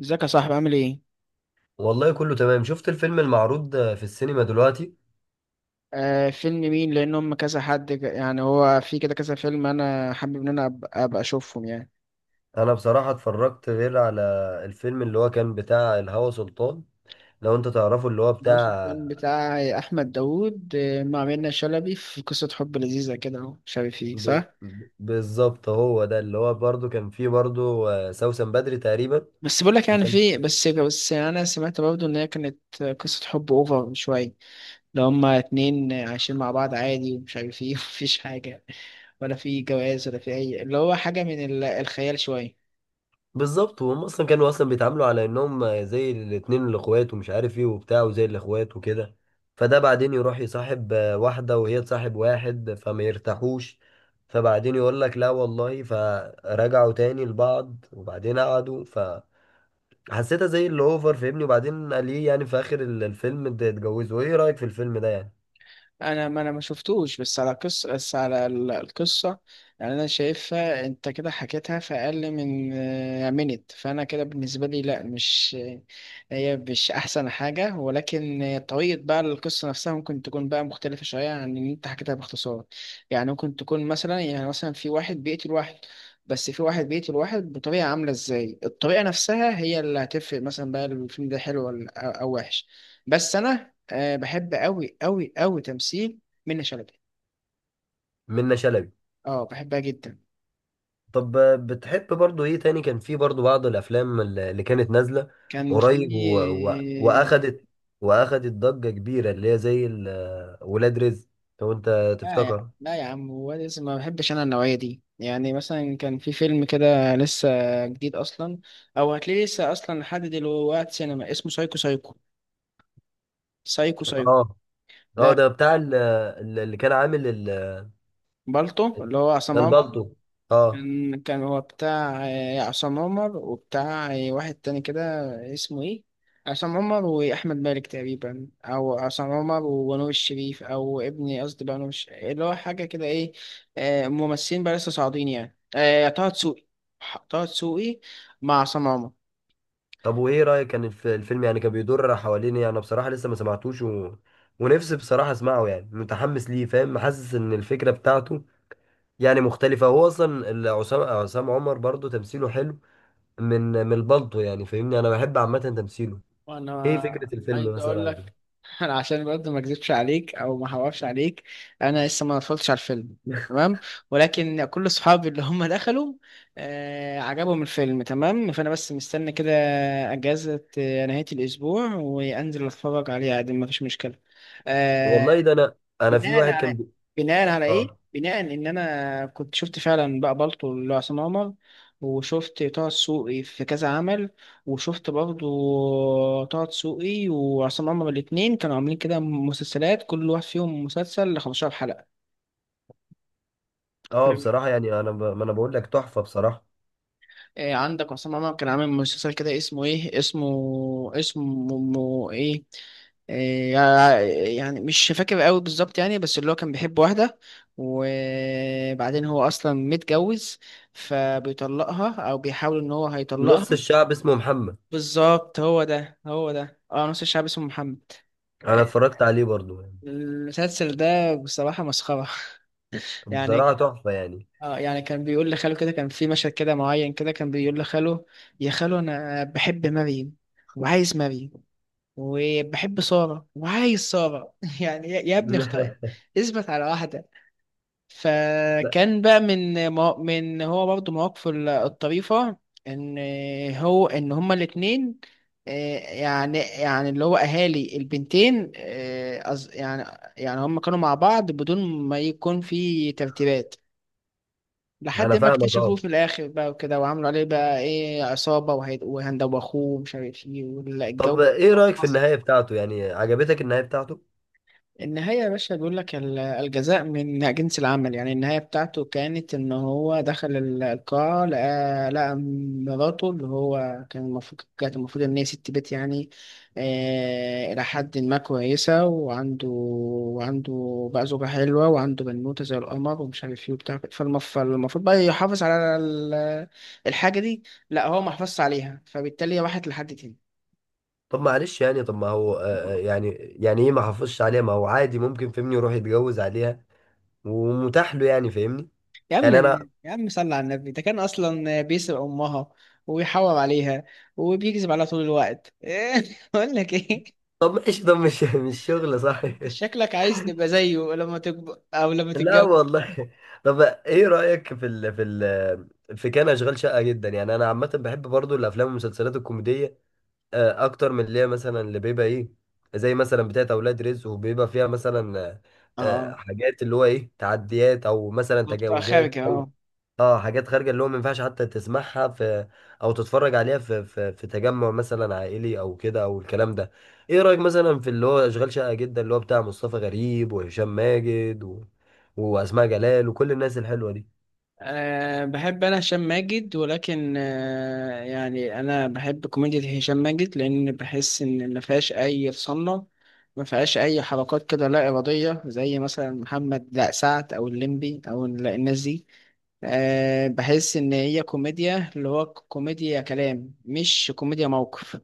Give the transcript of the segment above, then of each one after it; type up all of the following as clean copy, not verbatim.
ازيك يا صاحبي عامل ايه؟ والله كله تمام. شفت الفيلم المعروض في السينما دلوقتي. فيلم مين؟ لان هم كذا حد يعني هو في كده كذا فيلم، انا حابب ان انا ابقى اشوفهم يعني. انا بصراحة اتفرجت غير على الفيلم اللي هو كان بتاع الهوى سلطان، لو انت تعرفه، اللي هو عاوز الفيلم بتاع بتاع احمد داوود، مع منة شلبي في قصة حب لذيذة كده، اهو شبه فيه صح؟ بالظبط هو ده. اللي هو برضو كان فيه برضو سوسن بدري تقريبا. بس بقول لك يعني في بس بس انا سمعت برضه ان هي كانت قصة حب اوفر شوية. لو هما اتنين عايشين مع بعض عادي ومش عارف ايه ومفيش حاجة، ولا في جواز ولا في اي، اللي هو حاجة من الخيال شوية. بالظبط، وهم اصلا كانوا اصلا بيتعاملوا على انهم زي الاتنين الاخوات ومش عارف ايه وبتاع وزي الاخوات وكده. فده بعدين يروح يصاحب واحده، وهي تصاحب واحد، فما يرتاحوش. فبعدين يقول لك لا والله، فرجعوا تاني لبعض وبعدين قعدوا. فحسيتها زي اللي اوفر، فاهمني؟ وبعدين قال ايه، يعني في اخر الفيلم ده اتجوزوا. ايه رايك في الفيلم ده يعني؟ انا ما شفتوش، بس على قصة، بس على القصة. يعني انا شايفها، انت كده حكيتها في اقل من منت، فانا كده بالنسبة لي لا، مش هي مش احسن حاجة، ولكن طريقة بقى القصة نفسها ممكن تكون بقى مختلفة شوية عن اللي انت حكيتها باختصار. يعني ممكن تكون مثلا في واحد بيقتل واحد، بس في واحد بيقتل واحد بطريقة، عاملة ازاي الطريقة نفسها هي اللي هتفرق، مثلا بقى الفيلم ده حلو ولا أو وحش. بس انا بحب أوي أوي أوي تمثيل منة شلبي. منة شلبي. اه بحبها جدا. طب بتحب برضو ايه تاني؟ كان في برضو بعض الافلام اللي كانت نازله كان في. قريب واخدت واخدت ضجه كبيره، اللي هي زي ولاد رزق، لو انت لا يا تفتكر. لا يا عم، هو لازم ما بحبش أنا النوعية دي. يعني مثلا كان في فيلم كده لسه جديد أصلا، أو هتلاقيه لسه أصلا لحد دلوقتي سينما، اسمه سايكو سايكو، سايكو سايكو اه، اه، ده. ده بتاع اللي كان عامل بالطو اللي هو عصام. البالطو. اه. كان هو بتاع عصام عمر، وبتاع واحد تاني كده، اسمه ايه؟ عصام عمر واحمد مالك تقريبا، او عصام عمر ونور الشريف، او ابني قصدي بقى اللي هو حاجه كده ايه، ممثلين بقى لسه صاعدين يعني، طه دسوقي، طه دسوقي مع عصام عمر. طب وايه رايك كان الفيلم يعني كان بيدور حوالين إيه؟ انا بصراحه لسه ما سمعتوش، ونفسي بصراحه اسمعه يعني، متحمس ليه، فاهم؟ حاسس ان الفكره بتاعته يعني مختلفه. هو اصلا عصام عمر برضو تمثيله حلو من من البلطو، يعني فاهمني، انا بحب عامه تمثيله. ايه وانا فكره الفيلم عايز مثلا اقول أو كده؟ لك انا عشان برضه ما اكذبش عليك او ما احورش عليك، انا لسه ما اتفرجتش على الفيلم. تمام. ولكن كل صحابي اللي هم دخلوا عجبهم الفيلم، تمام. فانا بس مستني كده اجازة نهاية الاسبوع، وانزل اتفرج عليه عادي، ما فيش مشكلة آه، والله ده انا، انا في بناء واحد كان على بناء على ايه اه. بناء ان انا كنت شفت فعلا بقى بالطو لعصام عمر، وشفت طه دسوقي في كذا عمل، وشفت برضو طه دسوقي وعصام عمر الاتنين كانوا عاملين كده مسلسلات، كل واحد فيهم مسلسل 15 حلقة. اه بصراحه يعني انا ب... ما انا بقول لك تحفه بصراحه. إيه؟ عندك عصام عمر كان عامل مسلسل كده، اسمه ايه إيه يعني مش فاكر قوي بالظبط يعني، بس اللي هو كان بيحب واحدة، وبعدين هو اصلا متجوز، فبيطلقها او بيحاول ان هو نص هيطلقها. الشعب اسمه محمد. بالظبط، هو ده نص الشعب اسمه محمد. انا إيه، اتفرجت عليه برضو يعني. المسلسل ده بصراحة مسخرة. يعني بصراحه تحفه يعني. اه، يعني كان بيقول لخاله كده، كان في مشهد كده معين كده، كان بيقول لخاله: يا خاله انا بحب مريم وعايز مريم، وبحب سارة وعايز سارة. يعني يا ابني اختار، اثبت على واحدة. لا. فكان بقى من هو برضه مواقفه الطريفة، ان ان هما الاتنين، آه، يعني اللي هو اهالي البنتين، يعني هما كانوا مع بعض بدون ما يكون في ترتيبات، لا، لحد انا ما فاهمك. اكتشفوه اه. في الاخر بقى وكده، وعملوا عليه بقى ايه عصابه، وهند واخوه ومش عارف ايه طب والجو. ايه رايك في النهايه بتاعته؟ يعني عجبتك النهايه بتاعته؟ النهاية يا باشا، بيقول لك الجزاء من جنس العمل. يعني النهاية بتاعته كانت، إن هو دخل القاعة، لقى مراته، اللي هو كانت المفروض إن هي ست بيت يعني، إلى حد ما كويسة، وعنده بقى زوجة حلوة، وعنده بنوتة زي القمر ومش عارف إيه وبتاع، فالمفروض بقى يحافظ على الحاجة دي. لأ هو ما حافظش عليها، فبالتالي هي راحت لحد تاني. طب معلش يعني، طب ما هو يعني، يعني ايه ما حافظش عليها؟ ما هو عادي ممكن، فهمني، يروح يتجوز عليها ومتاح له يعني، فاهمني؟ يا عم، يعني انا. يا عم، صل على النبي، ده كان اصلا بيسرق امها، ويحور عليها، وبيكذب عليها طول الوقت. إيه؟ اقول لك ايه، طب ماشي، طب مش مش شغل صح. انت شكلك عايز تبقى زيه لما تكبر او لما لا تتجوز. والله. طب ايه رأيك في ال، في ال، في كان اشغال شقة جدا. يعني انا عامة بحب برضو الافلام والمسلسلات الكوميدية اكتر من اللي هي مثلا اللي بيبقى ايه، زي مثلا بتاعت اولاد رزق، وبيبقى فيها مثلا اه، حاجات اللي هو ايه تعديات او مثلا بتبقى تجاوزات. خارج، اه. اه، حاجات خارجه اللي هو ما ينفعش حتى تسمعها في او تتفرج عليها في في, في تجمع مثلا عائلي او كده او الكلام ده. ايه رايك مثلا في اللي هو اشغال شقه جدا اللي هو بتاع مصطفى غريب وهشام ماجد واسماء جلال وكل الناس الحلوه دي؟ بحب أنا هشام ماجد، ولكن يعني أنا بحب كوميديا هشام ماجد، لأن بحس إن ما فيهاش أي صنة، ما فيهاش أي حركات كده لا إرادية، زي مثلا محمد لا سعد، أو الليمبي، أو الناس دي. بحس إن هي كوميديا اللي هو كوميديا كلام مش كوميديا موقف.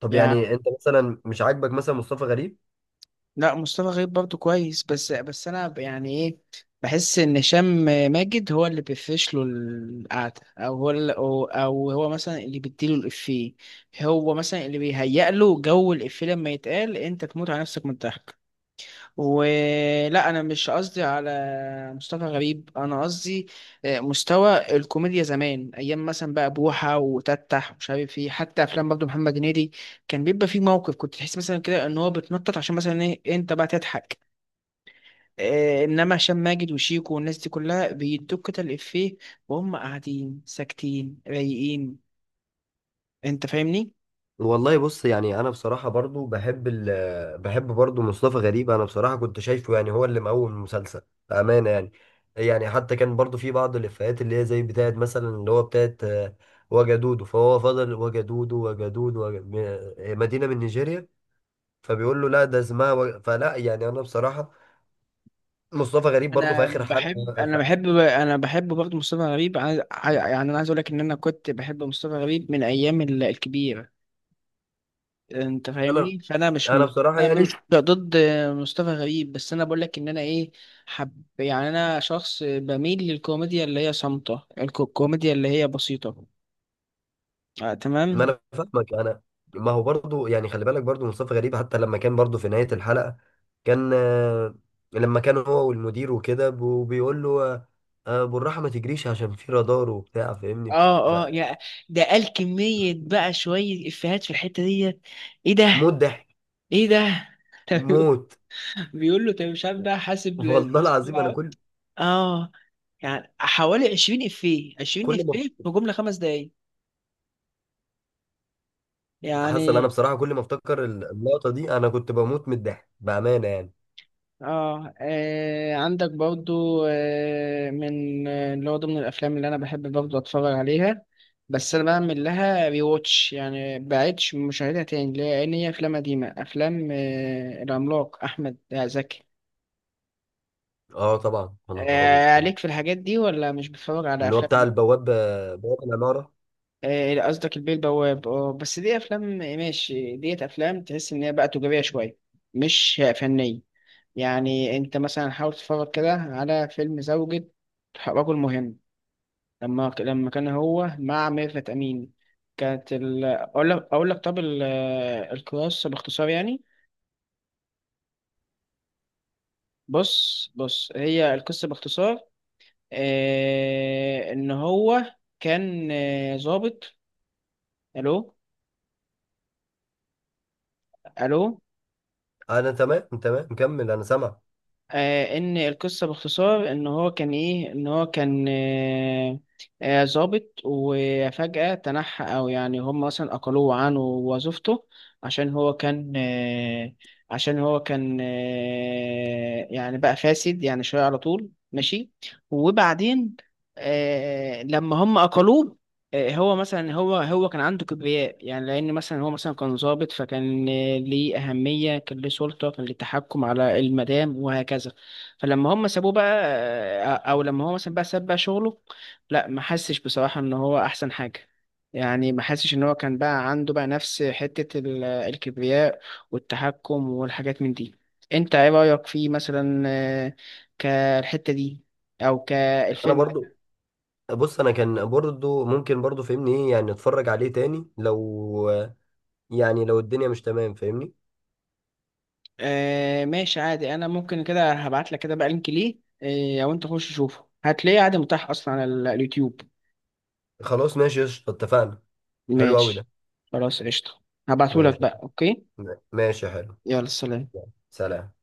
طب يعني يعني انت مثلا مش عاجبك مثلا مصطفى غريب؟ لا، مصطفى غريب برضه كويس، بس يعني ايه، بحس ان هشام ماجد هو اللي بيفرش له القعده، او هو مثلا اللي بيديله الافيه، هو مثلا اللي بيهيأ له جو الافيه لما يتقال انت تموت على نفسك من الضحك. ولا انا مش قصدي على مصطفى غريب، انا قصدي مستوى الكوميديا زمان، ايام مثلا بقى بوحه وتتح ومش عارف ايه، حتى افلام برضه محمد هنيدي كان بيبقى فيه موقف كنت تحس مثلا كده ان هو بتنطط عشان مثلا ايه انت بقى تضحك. إيه، انما هشام ماجد وشيكو والناس دي كلها بيدوك كده الافيه، وهم قاعدين ساكتين رايقين، انت فاهمني. والله بص، يعني انا بصراحه برضو بحب ال، بحب برضو مصطفى غريب. انا بصراحه كنت شايفه يعني هو اللي مقوم المسلسل بامانه يعني. يعني حتى كان برضو في بعض الافيهات اللي هي زي بتاعت مثلا اللي هو بتاعت وجدودو، فهو فضل وجدودو، وجدودو، مدينه من نيجيريا، فبيقول له لا، ده اسمها فلا. يعني انا بصراحه مصطفى غريب برضو في انا اخر حلقه. بحب انا ف- بحب انا بحب برضه مصطفى غريب، يعني انا عايز اقول لك ان انا كنت بحب مصطفى غريب من ايام الكبير، انت انا فاهمني. فانا مش انا م- بصراحه انا يعني، مش ضد مصطفى غريب، بس انا بقول لك ان انا ايه حب، يعني انا شخص بميل للكوميديا اللي هي صامتة، الكوميديا اللي هي بسيطة. آه ما تمام. انا فاهمك انا. ما هو برضو يعني خلي بالك برضو مصطفى غريب حتى لما كان برضو في نهاية الحلقة، كان لما كان هو والمدير وكده بيقول له بالراحة، ما تجريش عشان في رادار وبتاع، فاهمني؟ اه اه يا، ده قال فموت كمية بقى شوية افيهات في الحتة ديت. ايه ده، ضحك. ايه ده. موت. بيقول له انت مش عارف بقى، حاسب والله العظيم انا كل، اه، يعني حوالي 20 افيه، 20 كل ما افيه في جمله خمس دقايق حصل، انا يعني. بصراحة كل ما افتكر اللقطة دي انا كنت بموت من الضحك بأمانة يعني. عندك برضو من اللي هو ضمن الافلام اللي انا بحب برضو اتفرج عليها، بس انا بعمل لها ريواتش، يعني بعدش مشاهدها تاني، لان هي افلام قديمه، افلام العملاق احمد زكي. اه طبعا، انا خرابي. آه عليك في الحاجات دي، ولا مش بتتفرج على اللي هو افلام؟ بتاع البواب، بواب العمارة. آه، قصدك البيه البواب. اه، بس دي افلام ماشي، ديت افلام تحس ان هي بقى تجاريه شويه مش فنيه. يعني انت مثلا حاول تتفرج كده على فيلم زوجة رجل مهم، لما كان هو مع ميرفت امين. كانت اقول لك، طب القصه باختصار يعني، بص بص، هي القصه باختصار، ان هو كان ظابط. الو، الو. انا تمام، تمام، مكمل، انا سامع. ان القصه باختصار، ان هو كان ايه ان هو كان آه، آه، ضابط، وفجاه تنحى، او يعني هم مثلا اقلوه عنه وظيفته، عشان هو كان آه، عشان هو كان يعني بقى فاسد يعني شويه على طول ماشي. وبعدين لما هم اقلوه، هو مثلا هو كان عنده كبرياء، يعني لان مثلا هو مثلا كان ضابط، فكان ليه اهميه، كان ليه سلطه، كان ليه تحكم على المدام وهكذا. فلما هم سابوه بقى، او لما هو مثلا بقى ساب بقى شغله، لا ما حسش بصراحه ان هو احسن حاجه، يعني ما حسش ان هو كان بقى عنده بقى نفس حته الكبرياء والتحكم والحاجات من دي. انت ايه رايك فيه مثلا، كالحته دي او انا كالفيلم؟ برضو. بص، انا كان برضو ممكن برضو فاهمني ايه يعني اتفرج عليه تاني لو، يعني لو الدنيا مش تمام، فاهمني؟ آه ماشي عادي، انا ممكن كده هبعت لك كده بقى لينك ليه، او انت خش شوفه هتلاقيه عادي متاح اصلا على اليوتيوب. خلاص ماشي، قشطة، اتفقنا. حلو قوي ده. ماشي خلاص قشطة، هبعته لك ماشي. بقى اوكي. ماشي حلو. يلا سلام. سلام.